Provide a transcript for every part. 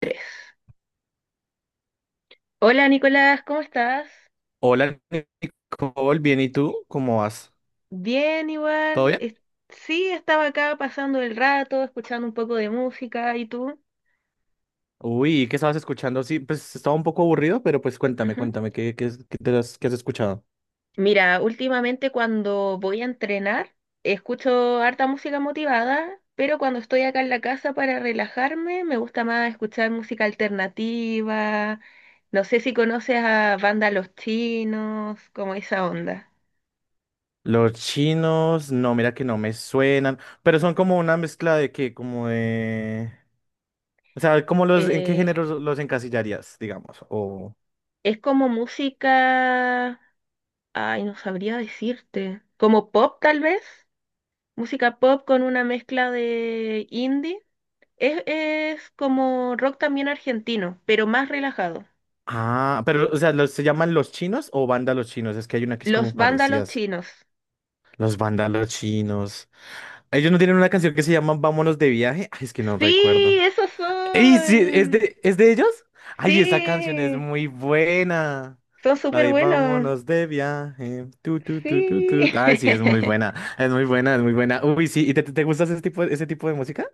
Tres. Hola Nicolás, ¿cómo estás? Hola Nicole, bien, ¿y tú? ¿Cómo vas? Bien, ¿Todo igual. bien? Sí, estaba acá pasando el rato, escuchando un poco de música. ¿Y tú? Uy, ¿y ¿qué estabas escuchando? Sí, pues estaba un poco aburrido, pero pues cuéntame, Ujú. cuéntame, ¿qué, qué, qué qué has escuchado? Mira, últimamente cuando voy a entrenar, escucho harta música motivada, pero cuando estoy acá en la casa para relajarme, me gusta más escuchar música alternativa. No sé si conoces a Banda Los Chinos, como esa onda. Los chinos, no, mira que no me suenan, pero son como una mezcla de qué, como de... O sea, ¿cómo los, en qué Eh, género los encasillarías, digamos? O... es como música. Ay, no sabría decirte. Como pop, tal vez. Música pop con una mezcla de indie. Es como rock también argentino, pero más relajado. Ah, pero, o sea, ¿los, ¿se llaman los chinos o banda los chinos? Es que hay una que es Los como vándalos parecidas. chinos. Los bandas los chinos. Ellos no tienen una canción que se llama Vámonos de viaje. Ay, es que no Sí, recuerdo. esos Y sí, son. ¿Es de ellos? Ay, esa canción es Sí, muy buena. son La súper de buenos. Vámonos de viaje. Tu, tu, tu, tu, tu. Sí. Ay, sí, es muy buena. Es muy buena, es muy buena. Uy, sí. ¿Y te gusta ese tipo de música?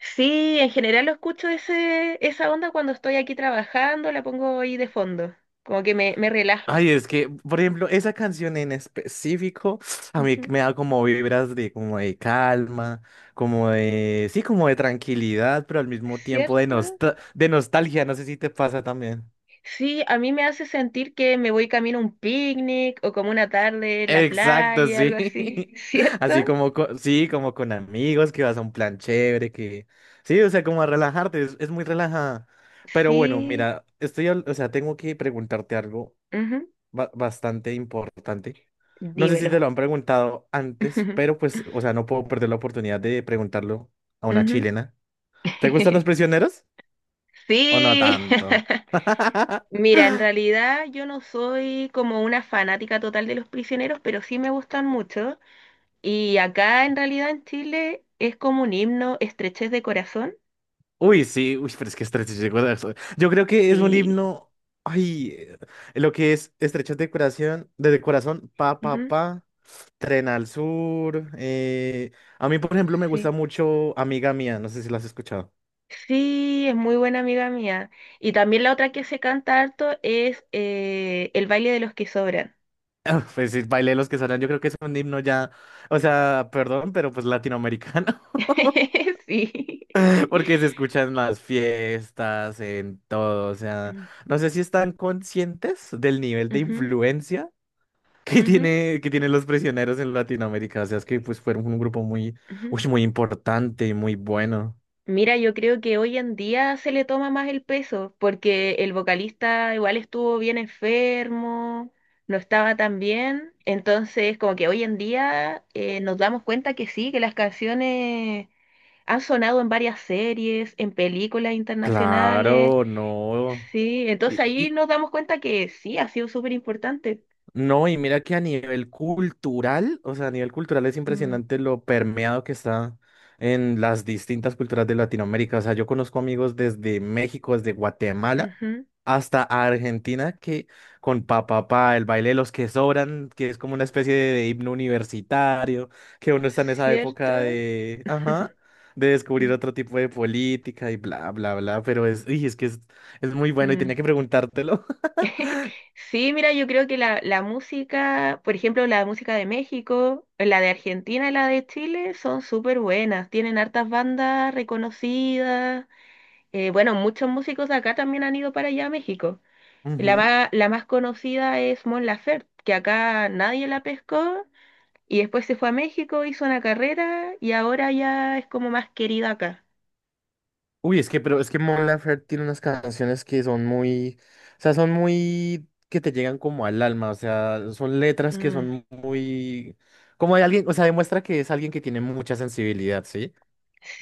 Sí, en general lo escucho esa onda cuando estoy aquí trabajando, la pongo ahí de fondo, como que me relaja. Ay, es que, por ejemplo, esa canción en específico a mí Ujú. me da como vibras de como de calma, como de, sí, como de tranquilidad, pero al mismo tiempo ¿Cierto? De nostalgia. No sé si te pasa también. Sí, a mí me hace sentir que me voy camino a un picnic o como una tarde en la Exacto, playa, sí. algo así, ¿cierto? Así como, sí, como con amigos, que vas a un plan chévere, que... Sí, o sea, como a relajarte, es muy relajada. Pero bueno, Sí, mira, o sea, tengo que preguntarte algo ujú. Bastante importante. No sé si Dímelo. te lo han preguntado antes, pero pues, o sea, no puedo perder la oportunidad de preguntarlo a una Ujú. chilena. ¿Te gustan los prisioneros o no Sí. tanto? Mira, en realidad yo no soy como una fanática total de los prisioneros, pero sí me gustan mucho. Y acá en realidad en Chile es como un himno, estrechez de corazón. Uy, sí, uy, pero es que estrechas de corazón. Yo creo que es un Y himno. Ay, lo que es estrechas de corazón, pa, pa, ujú, pa, tren al sur. A mí, por ejemplo, me gusta sí. mucho Amiga Mía, no sé si lo has escuchado. Sí, es muy buena amiga mía. Y también la otra que se canta harto es El baile de los que sobran. Ah, pues sí, bailé los que suenan, yo creo que es un himno ya, o sea, perdón, pero pues latinoamericano, Sí. porque se escucha en las fiestas, en todo, o sea, Mm, no sé si están conscientes del nivel de ujú, influencia ujú, que tienen los prisioneros en Latinoamérica. O sea, es que pues fueron un grupo muy, ujú. uy, muy importante y muy bueno. Mira, yo creo que hoy en día se le toma más el peso porque el vocalista igual estuvo bien enfermo, no estaba tan bien. Entonces, como que hoy en día nos damos cuenta que sí, que las canciones han sonado en varias series, en películas internacionales. Claro, no. Sí, entonces ahí Y, nos damos cuenta que sí, ha sido súper importante. no, y mira que a nivel cultural, o sea, a nivel cultural es Mm, impresionante lo permeado que está en las distintas culturas de Latinoamérica. O sea, yo conozco amigos desde México, desde Guatemala ujú, hasta Argentina que con papá, el baile de los que sobran, que es como una especie de himno universitario, que uno está en esa ¿cierto? época de, ajá, de descubrir Mm, otro tipo de política y bla, bla, bla, pero es, uy, es que es muy bueno y mm. tenía que preguntártelo. Sí, mira, yo creo que la música, por ejemplo, la música de México, la de Argentina y la de Chile son súper buenas, tienen hartas bandas reconocidas. Bueno, muchos músicos de acá también han ido para allá a México. La más conocida es Mon Laferte, que acá nadie la pescó. Y después se fue a México, hizo una carrera y ahora ya es como más querida acá. Uy, es que, pero es que Mon Laferte tiene unas canciones que son muy, o sea, son muy, que te llegan como al alma, o sea, son letras que Mm, son muy, como de alguien, o sea, demuestra que es alguien que tiene mucha sensibilidad, ¿sí?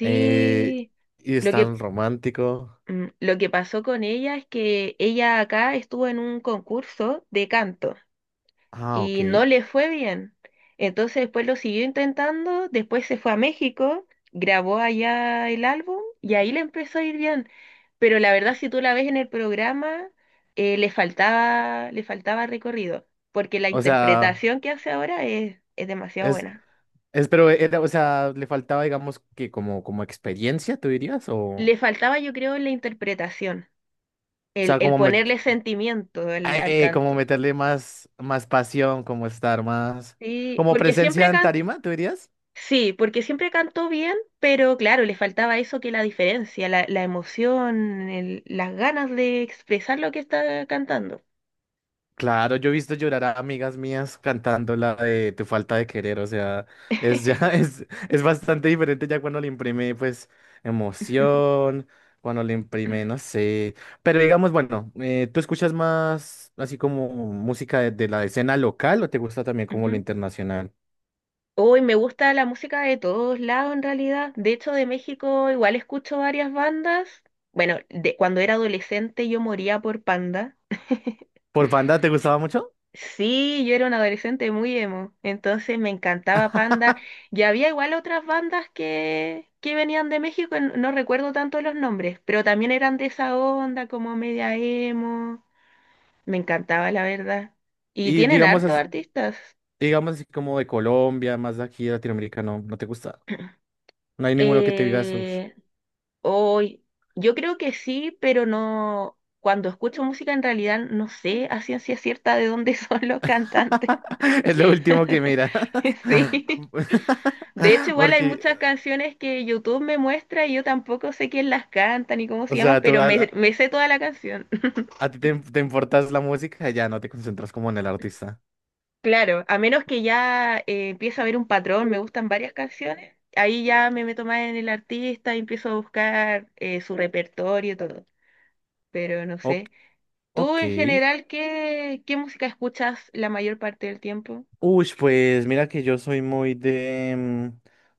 Eh, y es lo que, tan romántico. Lo que pasó con ella es que ella acá estuvo en un concurso de canto Ah, ok. y no le fue bien. Entonces después lo siguió intentando, después se fue a México, grabó allá el álbum y ahí le empezó a ir bien. Pero la verdad, si tú la ves en el programa, le faltaba recorrido, porque la O sea, interpretación que hace ahora es demasiado es, buena. es, pero era, o sea, le faltaba, digamos, que como, como experiencia, ¿tú dirías? Le O faltaba, yo creo, la interpretación, sea, el como, ponerle sentimiento al como canto. meterle más, más pasión, como estar más, Sí, como porque siempre presencia en canta tarima, ¿tú dirías? Sí, porque siempre cantó bien, pero claro, le faltaba eso que la diferencia, la emoción, las ganas de expresar lo que está cantando. Claro, yo he visto llorar a amigas mías cantando la de Tu falta de querer, o sea, es ya, es bastante diferente ya cuando le imprime, pues, emoción, cuando le imprime, no sé, pero digamos, bueno, ¿tú escuchas más así como música de la escena local o te gusta también como lo Ujú. internacional? Hoy me gusta la música de todos lados en realidad. De hecho, de México igual escucho varias bandas. Bueno, cuando era adolescente yo moría por Panda. ¿Por banda te gustaba mucho? Sí, yo era un adolescente muy emo, entonces me encantaba Panda. Y había igual otras bandas que venían de México, no recuerdo tanto los nombres, pero también eran de esa onda, como media emo. Me encantaba, la verdad. Y Y tienen digamos, harto mm artistas. digamos así como de Colombia, más de aquí de Latinoamérica, no, no te gusta. No hay ninguno que te digas, "Uf, Eh, hoy, yo creo que sí, pero no. Cuando escucho música, en realidad no sé a ciencia cierta de dónde son los cantantes. es lo último que miras. Sí. De hecho, igual hay Porque, muchas canciones que YouTube me muestra y yo tampoco sé quién las canta ni cómo o se llaman, sea, pero me sé toda la canción. a ti te, te importas la música y ya no te concentras como en el artista. Claro, a menos que ya empiezo a ver un patrón, me gustan varias canciones, ahí ya me meto más en el artista y empiezo a buscar su repertorio y todo, pero no Ok. sé. ¿Tú Ok. en general qué música escuchas la mayor parte del tiempo? Uy, pues mira que yo soy muy de...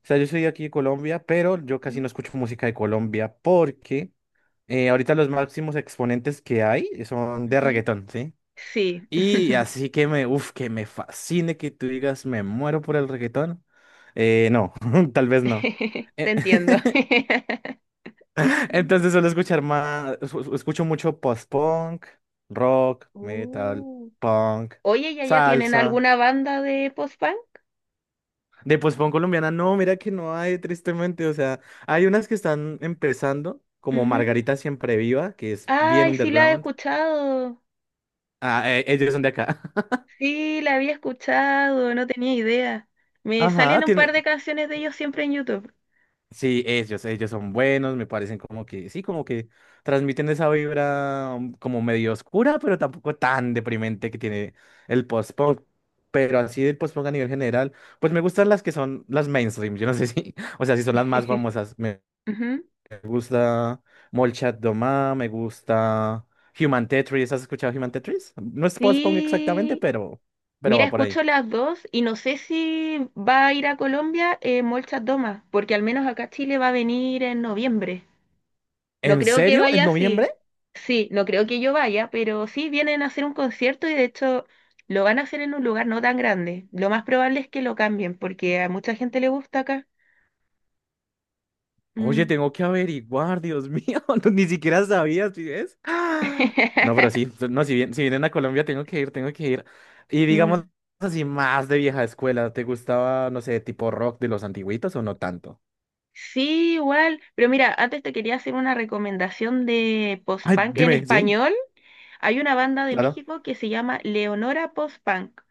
o sea, yo soy de aquí de Colombia, pero yo casi Ujú. no escucho música de Colombia porque ahorita los máximos exponentes que hay son de Ujú. reggaetón, ¿sí? Sí, Y así que me, uf, que me fascine que tú digas, me muero por el reggaetón. No, tal vez no. te Eh, entiendo. entonces suelo escuchar más, escucho mucho post-punk, rock, metal, Uh, punk, oye, ¿ ya tienen salsa. alguna banda de post-punk? De post-punk colombiana, no, mira que no hay, tristemente. O sea, hay unas que están empezando, como Ujú. Margarita Siempre Viva, que es bien Ay, sí la he underground. escuchado. Ah, ellos son de acá. Sí, la había escuchado, no tenía idea. Me Ajá, salen un par de canciones de ellos siempre en YouTube. sí, ellos son buenos, me parecen como que, sí, como que transmiten esa vibra como medio oscura, pero tampoco tan deprimente que tiene el post-punk. Pero así del post-punk a nivel general, pues me gustan las que son las mainstream, yo no sé si, o sea, si son las más famosas. Me Ujú. gusta Molchat Doma, me gusta Human Tetris, ¿has escuchado Human Tetris? No es post-punk exactamente, Sí. Pero Mira, va por ahí. escucho las dos y no sé si va a ir a Colombia Molchat Doma, porque al menos acá a Chile va a venir en noviembre. No ¿En creo que serio? ¿En vaya noviembre? así. Sí, no creo que yo vaya, pero sí vienen a hacer un concierto y de hecho lo van a hacer en un lugar no tan grande. Lo más probable es que lo cambien porque a mucha gente le gusta acá. Oye, Mm. tengo que averiguar, Dios mío, no, ni siquiera sabías, ¿sí ves? ¡Ah! No, pero sí, no, si bien, si vienen a Colombia, tengo que ir, tengo que ir. Y digamos Mm. así, más de vieja escuela, ¿te gustaba, no sé, tipo rock de los antiguitos o no tanto? Sí, igual. Pero mira, antes te quería hacer una recomendación de Ay, post-punk en dime, sí, español. Hay una banda de claro. México que se llama Leonora Post-Punk.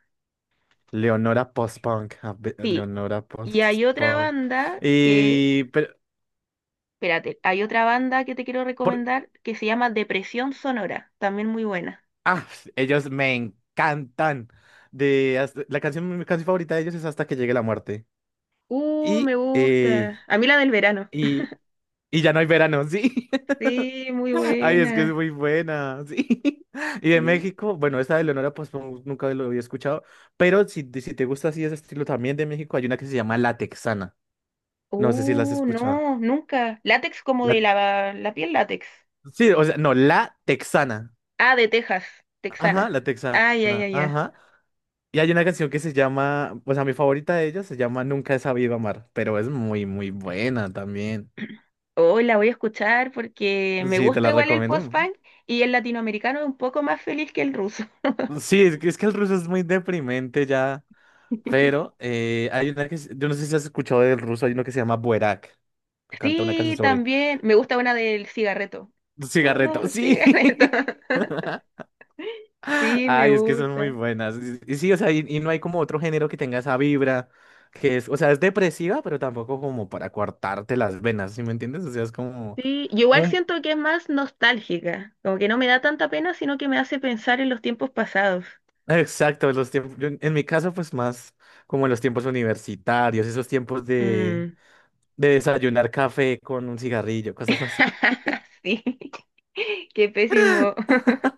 Leonora post-punk, Sí. Leonora Y hay otra post-punk. banda que... Y, pero, Espérate, hay otra banda que te quiero por, recomendar que se llama Depresión Sonora, también muy buena. ah, ellos me encantan. De, la canción, mi canción favorita de ellos es Hasta que llegue la muerte. Me Y, eh, gusta. A mí la del verano. y y ya no hay verano, sí. Sí, muy Ay, es que es buena. muy buena, sí. Y de Sí. México, bueno, esta de Leonora Postman nunca lo había escuchado, pero si, si te gusta así ese estilo también de México, hay una que se llama La Texana. No sé si la has escuchado. No, nunca. Látex como de La- la piel látex. sí, o sea, no, La Texana. Ah, de Texas, Ajá, texana. La Texana, Ay, ay, ay, ay. ajá. Y hay una canción que se llama, pues a mi favorita de ellas se llama Nunca he sabido amar, pero es muy, muy buena también. Hoy la voy a escuchar porque me Sí, te gusta la igual el recomiendo. post-punk y el latinoamericano es un poco más feliz que el ruso. Sí, es que el ruso es muy deprimente ya. Pero hay una que, yo no sé si has escuchado del ruso, hay uno que se llama Buerak, que canta una canción Sí, sobre también me gusta una del cigarreto. Con cigarreto. un Sí. cigarreto. Sí, me Ay, es que son muy gusta. buenas. Y sí, o sea, y no hay como otro género que tenga esa vibra, que es, o sea, es depresiva, pero tampoco como para cortarte las venas, ¿sí me entiendes? O sea, es como Sí, yo igual un... siento que es más nostálgica, como que no me da tanta pena, sino que me hace pensar en los tiempos pasados. Exacto, los tiempos, yo en mi caso, pues más como en los tiempos universitarios, esos tiempos Mm. de desayunar café con un cigarrillo, cosas así. Sí, qué pésimo.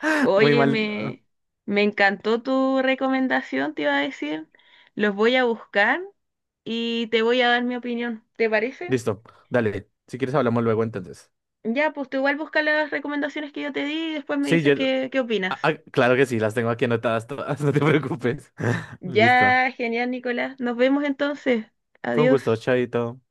Muy Oye, mal. Ah. Me encantó tu recomendación, te iba a decir. Los voy a buscar y te voy a dar mi opinión. ¿Te parece? Listo, dale. Si quieres hablamos luego entonces. Ya, pues tú igual busca las recomendaciones que yo te di y después me Sí, dices yo... qué opinas. ah, ah, claro que sí, las tengo aquí anotadas todas, no te preocupes. Listo. Ya, genial, Nicolás. Nos vemos entonces. Fue un Adiós. gusto, chaito.